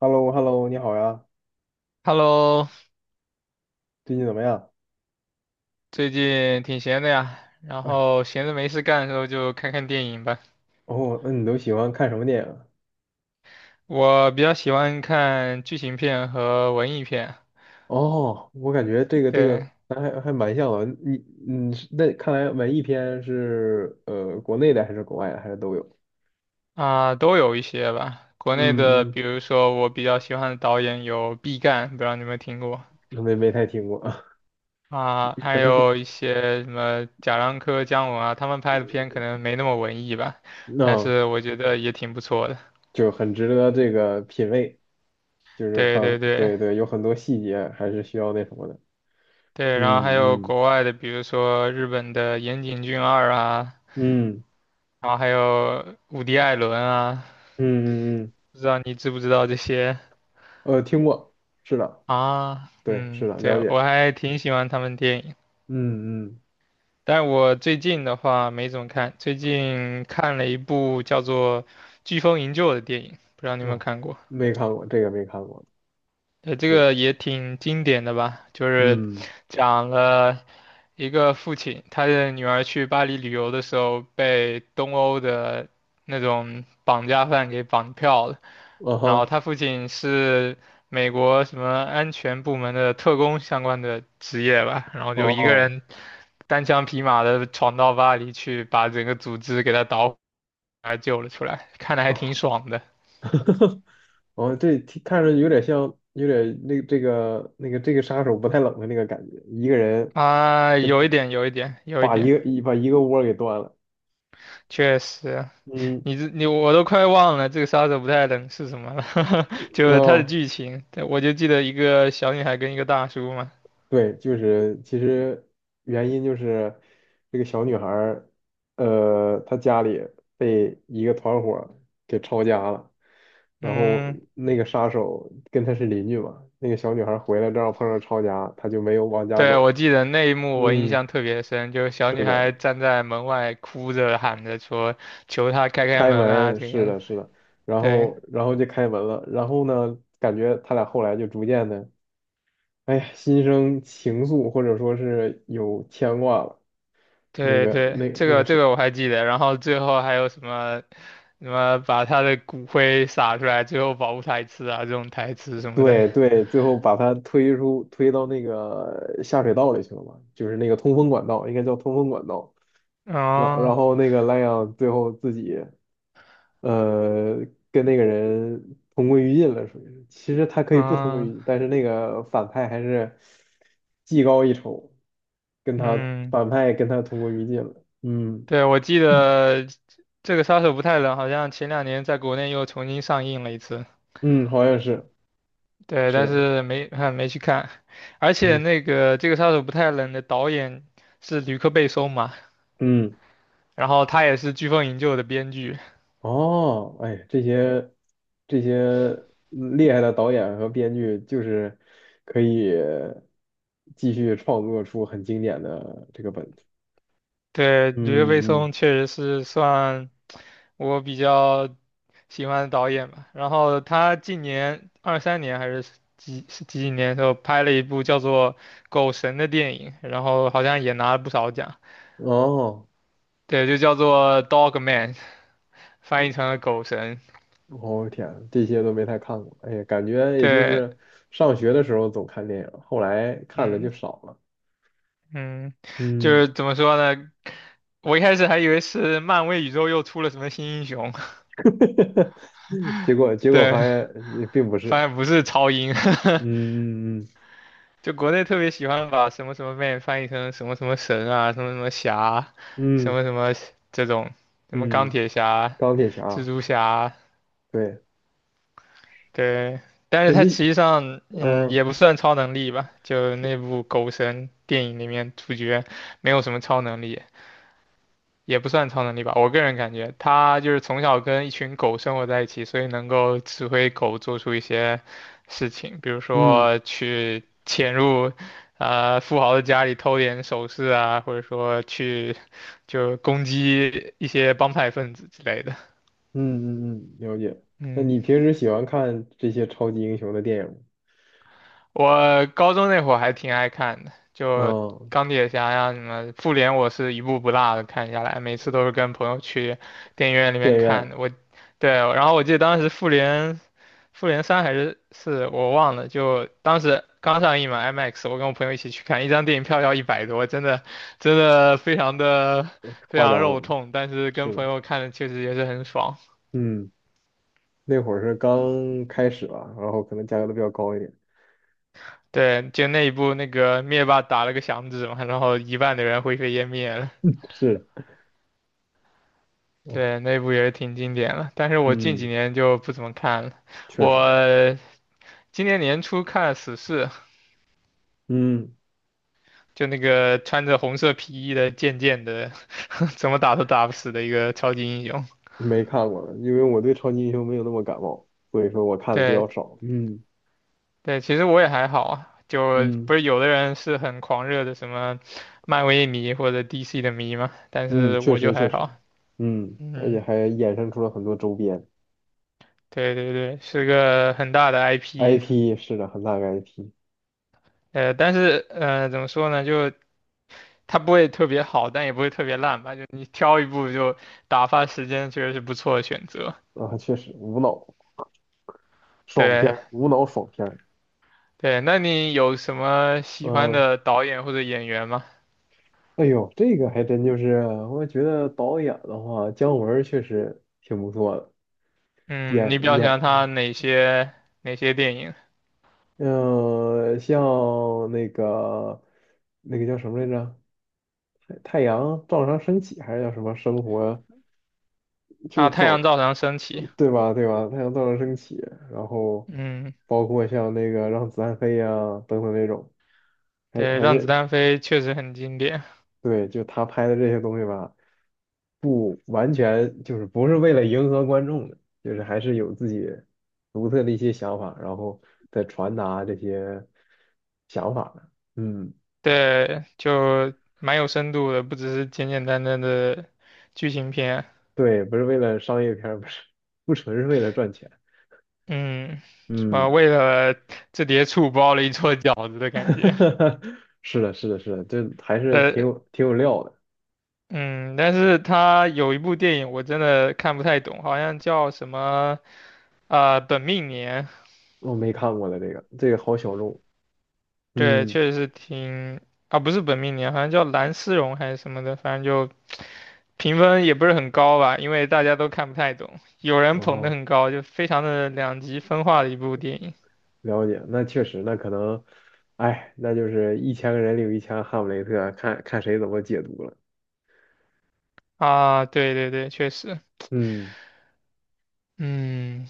h e l l o h e l l o 你好呀，Hello，最近怎么样？最近挺闲的呀，然哎呦，后闲着没事干的时候就看看电影吧。哦，那你都喜欢看什么电影啊。我比较喜欢看剧情片和文艺片，哦，我感觉这个对咱还蛮像的。你是那看来文艺片是国内的还是国外的还是都有？啊，都有一些吧。国内的，嗯比如说我比较喜欢的导演有毕赣，不知道你有没有听过嗯，没太听过。啊？可还能是有一些什么贾樟柯、姜文啊，他们拍的片可能没那么文艺吧，但那、是我觉得也挺不错的。就很值得这个品味，就是对反对对对，有很多细节还是需要那什么的。对，然后还嗯有嗯国外的，比如说日本的岩井俊二啊。嗯然后还有伍迪·艾伦啊，嗯嗯嗯，不知道你知不知道这些听过，是的，啊？对，嗯，是的，了对，解。我还挺喜欢他们电影，嗯嗯。但我最近的话没怎么看，最近看了一部叫做《飓风营救》的电影，不知道你有没有哦，看过？没看过这个，没看过，这是的，个也挺经典的吧，就是嗯，讲了一个父亲，他的女儿去巴黎旅游的时候被东欧的那种绑架犯给绑票了，啊然后哈，他父亲是美国什么安全部门的特工相关的职业吧，然后就一个哦人单枪匹马的闯到巴黎去，把整个组织给他捣毁，还救了出来，看的还挺爽的哦，这听看着有点像，有点那这个杀手不太冷的那个感觉，一个人啊，就有一点，有一点，有把一把一点，个一个窝给端了，确实。嗯，你我都快忘了这个杀手不太冷是什么了，就是它的哦。剧情，对我就记得一个小女孩跟一个大叔嘛。对，就是其实原因就是这个小女孩儿，她家里被一个团伙儿给抄家了，然后嗯，那个杀手跟她是邻居嘛，那个小女孩儿回来正好碰上抄家，她就没有往家对，走。我记得那一幕我印嗯，象特别深，就是小是女孩的，站在门外哭着喊着说求他开开开门啊，门，这是样。的，是的，然对后就开门了，然后呢，感觉他俩后来就逐渐的，哎呀，心生情愫，或者说是有牵挂了。对对，这那个个这是。个我还记得。然后最后还有什么什么把他的骨灰撒出来，最后保护台词啊，这种台词什么的。对对，最后把他推到那个下水道里去了嘛，就是那个通风管道，应该叫通风管道。然然哦，后那个莱昂最后自己呃跟那个人同归于尽了，属于是其实他可以不同归于哦，尽，但是那个反派还是技高一筹，嗯。跟他同归于尽了。嗯对，我记得这个杀手不太冷，好像前两年在国内又重新上映了一次。嗯，好像是。对，是但的，是没 没去看，而且嗯那个这个杀手不太冷的导演是吕克贝松嘛，嗯。然后他也是《飓风营救》的编剧。哦，哎，这些厉害的导演和编剧，就是可以继续创作出很经典的这个本子。对，吕克贝嗯松确实是算我比较喜欢的导演吧。然后他近年二三年还是几几年的时候拍了一部叫做《狗神》的电影，然后好像也拿了不少奖。嗯，哦，对，就叫做 Dog Man，翻译嗯，成了狗神。我、天啊，这些都没太看过。哎呀，感觉也就对，是上学的时候总看电影，后来看的就嗯少了。嗯，就是嗯，怎么说呢？我一开始还以为是漫威宇宙又出了什么新英雄，结果 结果对，发现并不发是。现不是超英，嗯嗯嗯 就国内特别喜欢把什么什么 Man 翻译成什么什么神啊，什么什么侠，什嗯么什么这种，什么钢嗯，铁侠、钢铁蜘侠，蛛侠，对，对，但是那他实你际上，也嗯。不算超能力吧，就是。那部《狗神》电影里面主角没有什么超能力，也不算超能力吧。我个人感觉，他就是从小跟一群狗生活在一起，所以能够指挥狗做出一些事情，比如嗯说去潜入，富豪的家里偷点首饰啊，或者说去就攻击一些帮派分子之类的。嗯嗯嗯，了解。那嗯。你平时喜欢看这些超级英雄的电影吗？我高中那会儿还挺爱看的，就嗯，钢铁侠呀什么，复联我是一部不落的看下来，每次都是跟朋友去电影院里电面影看院，的。我，对，然后我记得当时复联，复联三还是四，我忘了，就当时刚上映嘛，IMAX，我跟我朋友一起去看，一张电影票要100多，真的真的非夸常肉张，痛，但是跟是朋的，友看的确实也是很爽。嗯，那会儿是刚开始吧，然后可能价格都比较高一点。对，就那一部那个灭霸打了个响指嘛，然后一半的人灰飞烟灭了。是的，哎，对，那部也挺经典了，但是我近几嗯，年就不怎么看了。确实，我今年年初看了《死侍》，嗯，就那个穿着红色皮衣的贱贱的，怎么打都打不死的一个超级英雄。没看过了因为我对超级英雄没有那么感冒，所以说我看的比对较少。嗯对，其实我也还好啊，就不嗯是有的人是很狂热的什么漫威迷或者 DC 的迷嘛，但嗯，是确我就实确还实，好。嗯，而且嗯，还衍生出了很多周边 对对对，是个很大的 IP。IP,是的，很大个 IP 但是怎么说呢，就。它不会特别好，但也不会特别烂吧？就你挑一部就打发时间，确实是不错的选择。啊，确实无脑。爽片对儿，无脑爽片儿。对，那你有什么喜欢嗯，的导演或者演员吗？哎呦，这个还真就是，我觉得导演的话，姜文儿确实挺不错的，嗯，演你比较喜欢他演，哪些电影嗯、像那个那个叫什么来着，太阳照常升起还是叫什么生活，啊？就《太阳走，照常升起》，对吧？对吧？太阳照常升起，然后嗯，包括像那个让子弹飞呀、等等那种，还对，还《让子是弹飞》确实很经典，对，就他拍的这些东西吧，不完全就是不是为了迎合观众的，就是还是有自己独特的一些想法，然后再传达这些想法的。嗯，对，就蛮有深度的，不只是简简单单的剧情片，对，不是为了商业片儿，不是，不纯是为了赚钱。嗯，什么嗯，为了这碟醋包了一桌饺子的感觉。是的，这还是呃，挺有料的。嗯，但是他有一部电影我真的看不太懂，好像叫什么啊、本命年，我没看过的这个，这个好小众。对，嗯，确实是挺啊，不是本命年，好像叫蓝丝绒还是什么的，反正就评分也不是很高吧，因为大家都看不太懂，有人然捧得后，很高，就非常的两极分化的一部电影了解，那确实，那可能，哎，那就是一千个人里有一千个哈姆雷特，看看谁怎么解读了。啊，对对对，确实，嗯，嗯，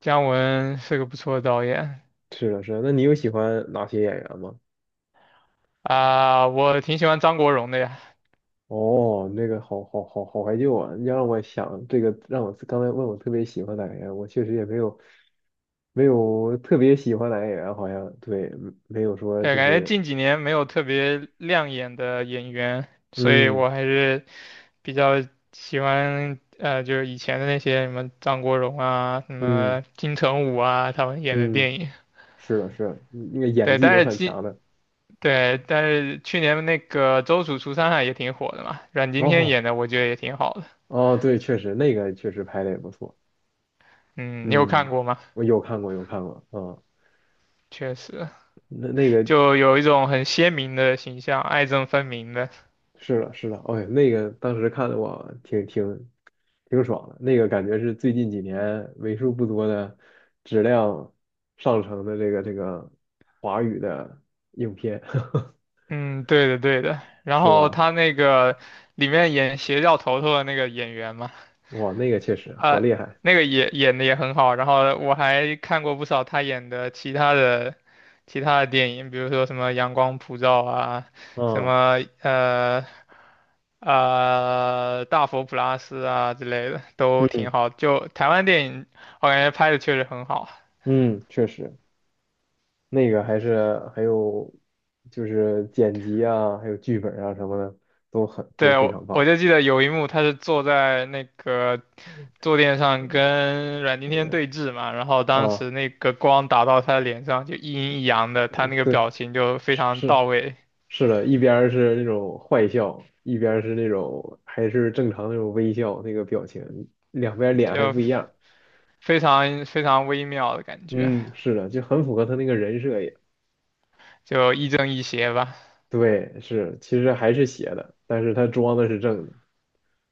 姜文是个不错的导演是的，是的。那你有喜欢哪些演员吗？啊，我挺喜欢张国荣的呀。哦，那个好怀旧啊！你要让我想这个，让我刚才问我特别喜欢哪个演员，我确实也没有特别喜欢哪个演员，好像对，没有说对，就感觉是，近几年没有特别亮眼的演员，所以嗯我还是比较喜欢就是以前的那些什么张国荣啊、什嗯么金城武啊，他们演的嗯，电影。是的，是的，那个演对，技但都是很强的。但是去年那个《周处除三害》也挺火的嘛，阮经天哦演的我觉得也挺好的。哦，对，确实那个确实拍的也不错。嗯，你有看嗯，过吗？我有看过，有看过，啊，确实，那那个就有一种很鲜明的形象，爱憎分明的。是的，是的，哎，那个当时看的我挺爽的，那个感觉是最近几年为数不多的质量上乘的这个华语的影片。嗯，对的对的。然是后吧？他那个里面演邪教头头的那个演员嘛，哇，那个确实好啊、厉害，那个也演的也很好。然后我还看过不少他演的其他的电影，比如说什么《阳光普照》啊，什啊，么《大佛普拉斯》啊之类的，都挺嗯好。就台湾电影，我感觉拍的确实很好。嗯，确实，那个还有就是剪辑啊，还有剧本啊什么的，都对，非我常我棒。就记得有一幕，他是坐在那个坐垫上跟阮经天对峙嘛，然后当啊，时那个光打到他的脸上，就一阴一阳的，他那个对，表情就非常是。到是，位，是的，一边儿是那种坏笑，一边儿是那种还是正常那种微笑那个表情，两边儿脸还不一就样。非常非常微妙的感觉，嗯，是的，就很符合他那个人设也。就亦正亦邪吧。对，是，其实还是邪的，但是他装的是正的。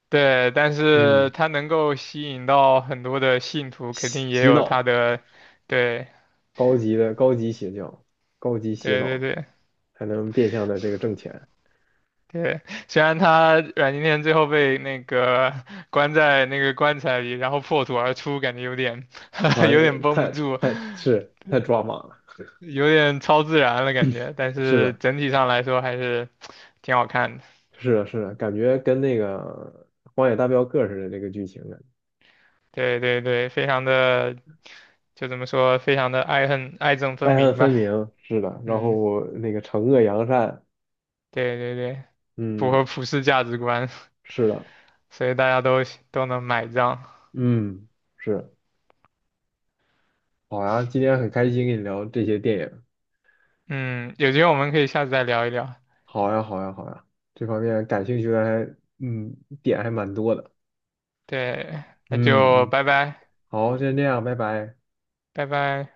对，但是嗯，他能够吸引到很多的信徒，肯定也洗有他脑，的，对高级邪教，高级洗对对脑，对才能变相的这个挣钱对。虽然他阮经天最后被那个关在那个棺材里，然后破土而出，感觉有点 啊！有点绷不太住。太是太抓马了。有点超自然了感觉，但是是的，整体上来说还是挺好看的。是的，感觉跟那个《荒野大镖客》似的这个剧情啊。对对对，非常的，就怎么说，非常的爱憎分爱恨明分吧。明，是的。然嗯，后那个惩恶扬善，对对对，符嗯，合普世价值观，是的，所以大家都能买账。嗯，是。好呀，今天很开心跟你聊这些电影。嗯，有机会我们可以下次再聊一聊。好呀，好呀，好呀，这方面感兴趣的还，嗯，点还蛮多的。对，那嗯就嗯，拜拜，好，先这样，拜拜。拜拜。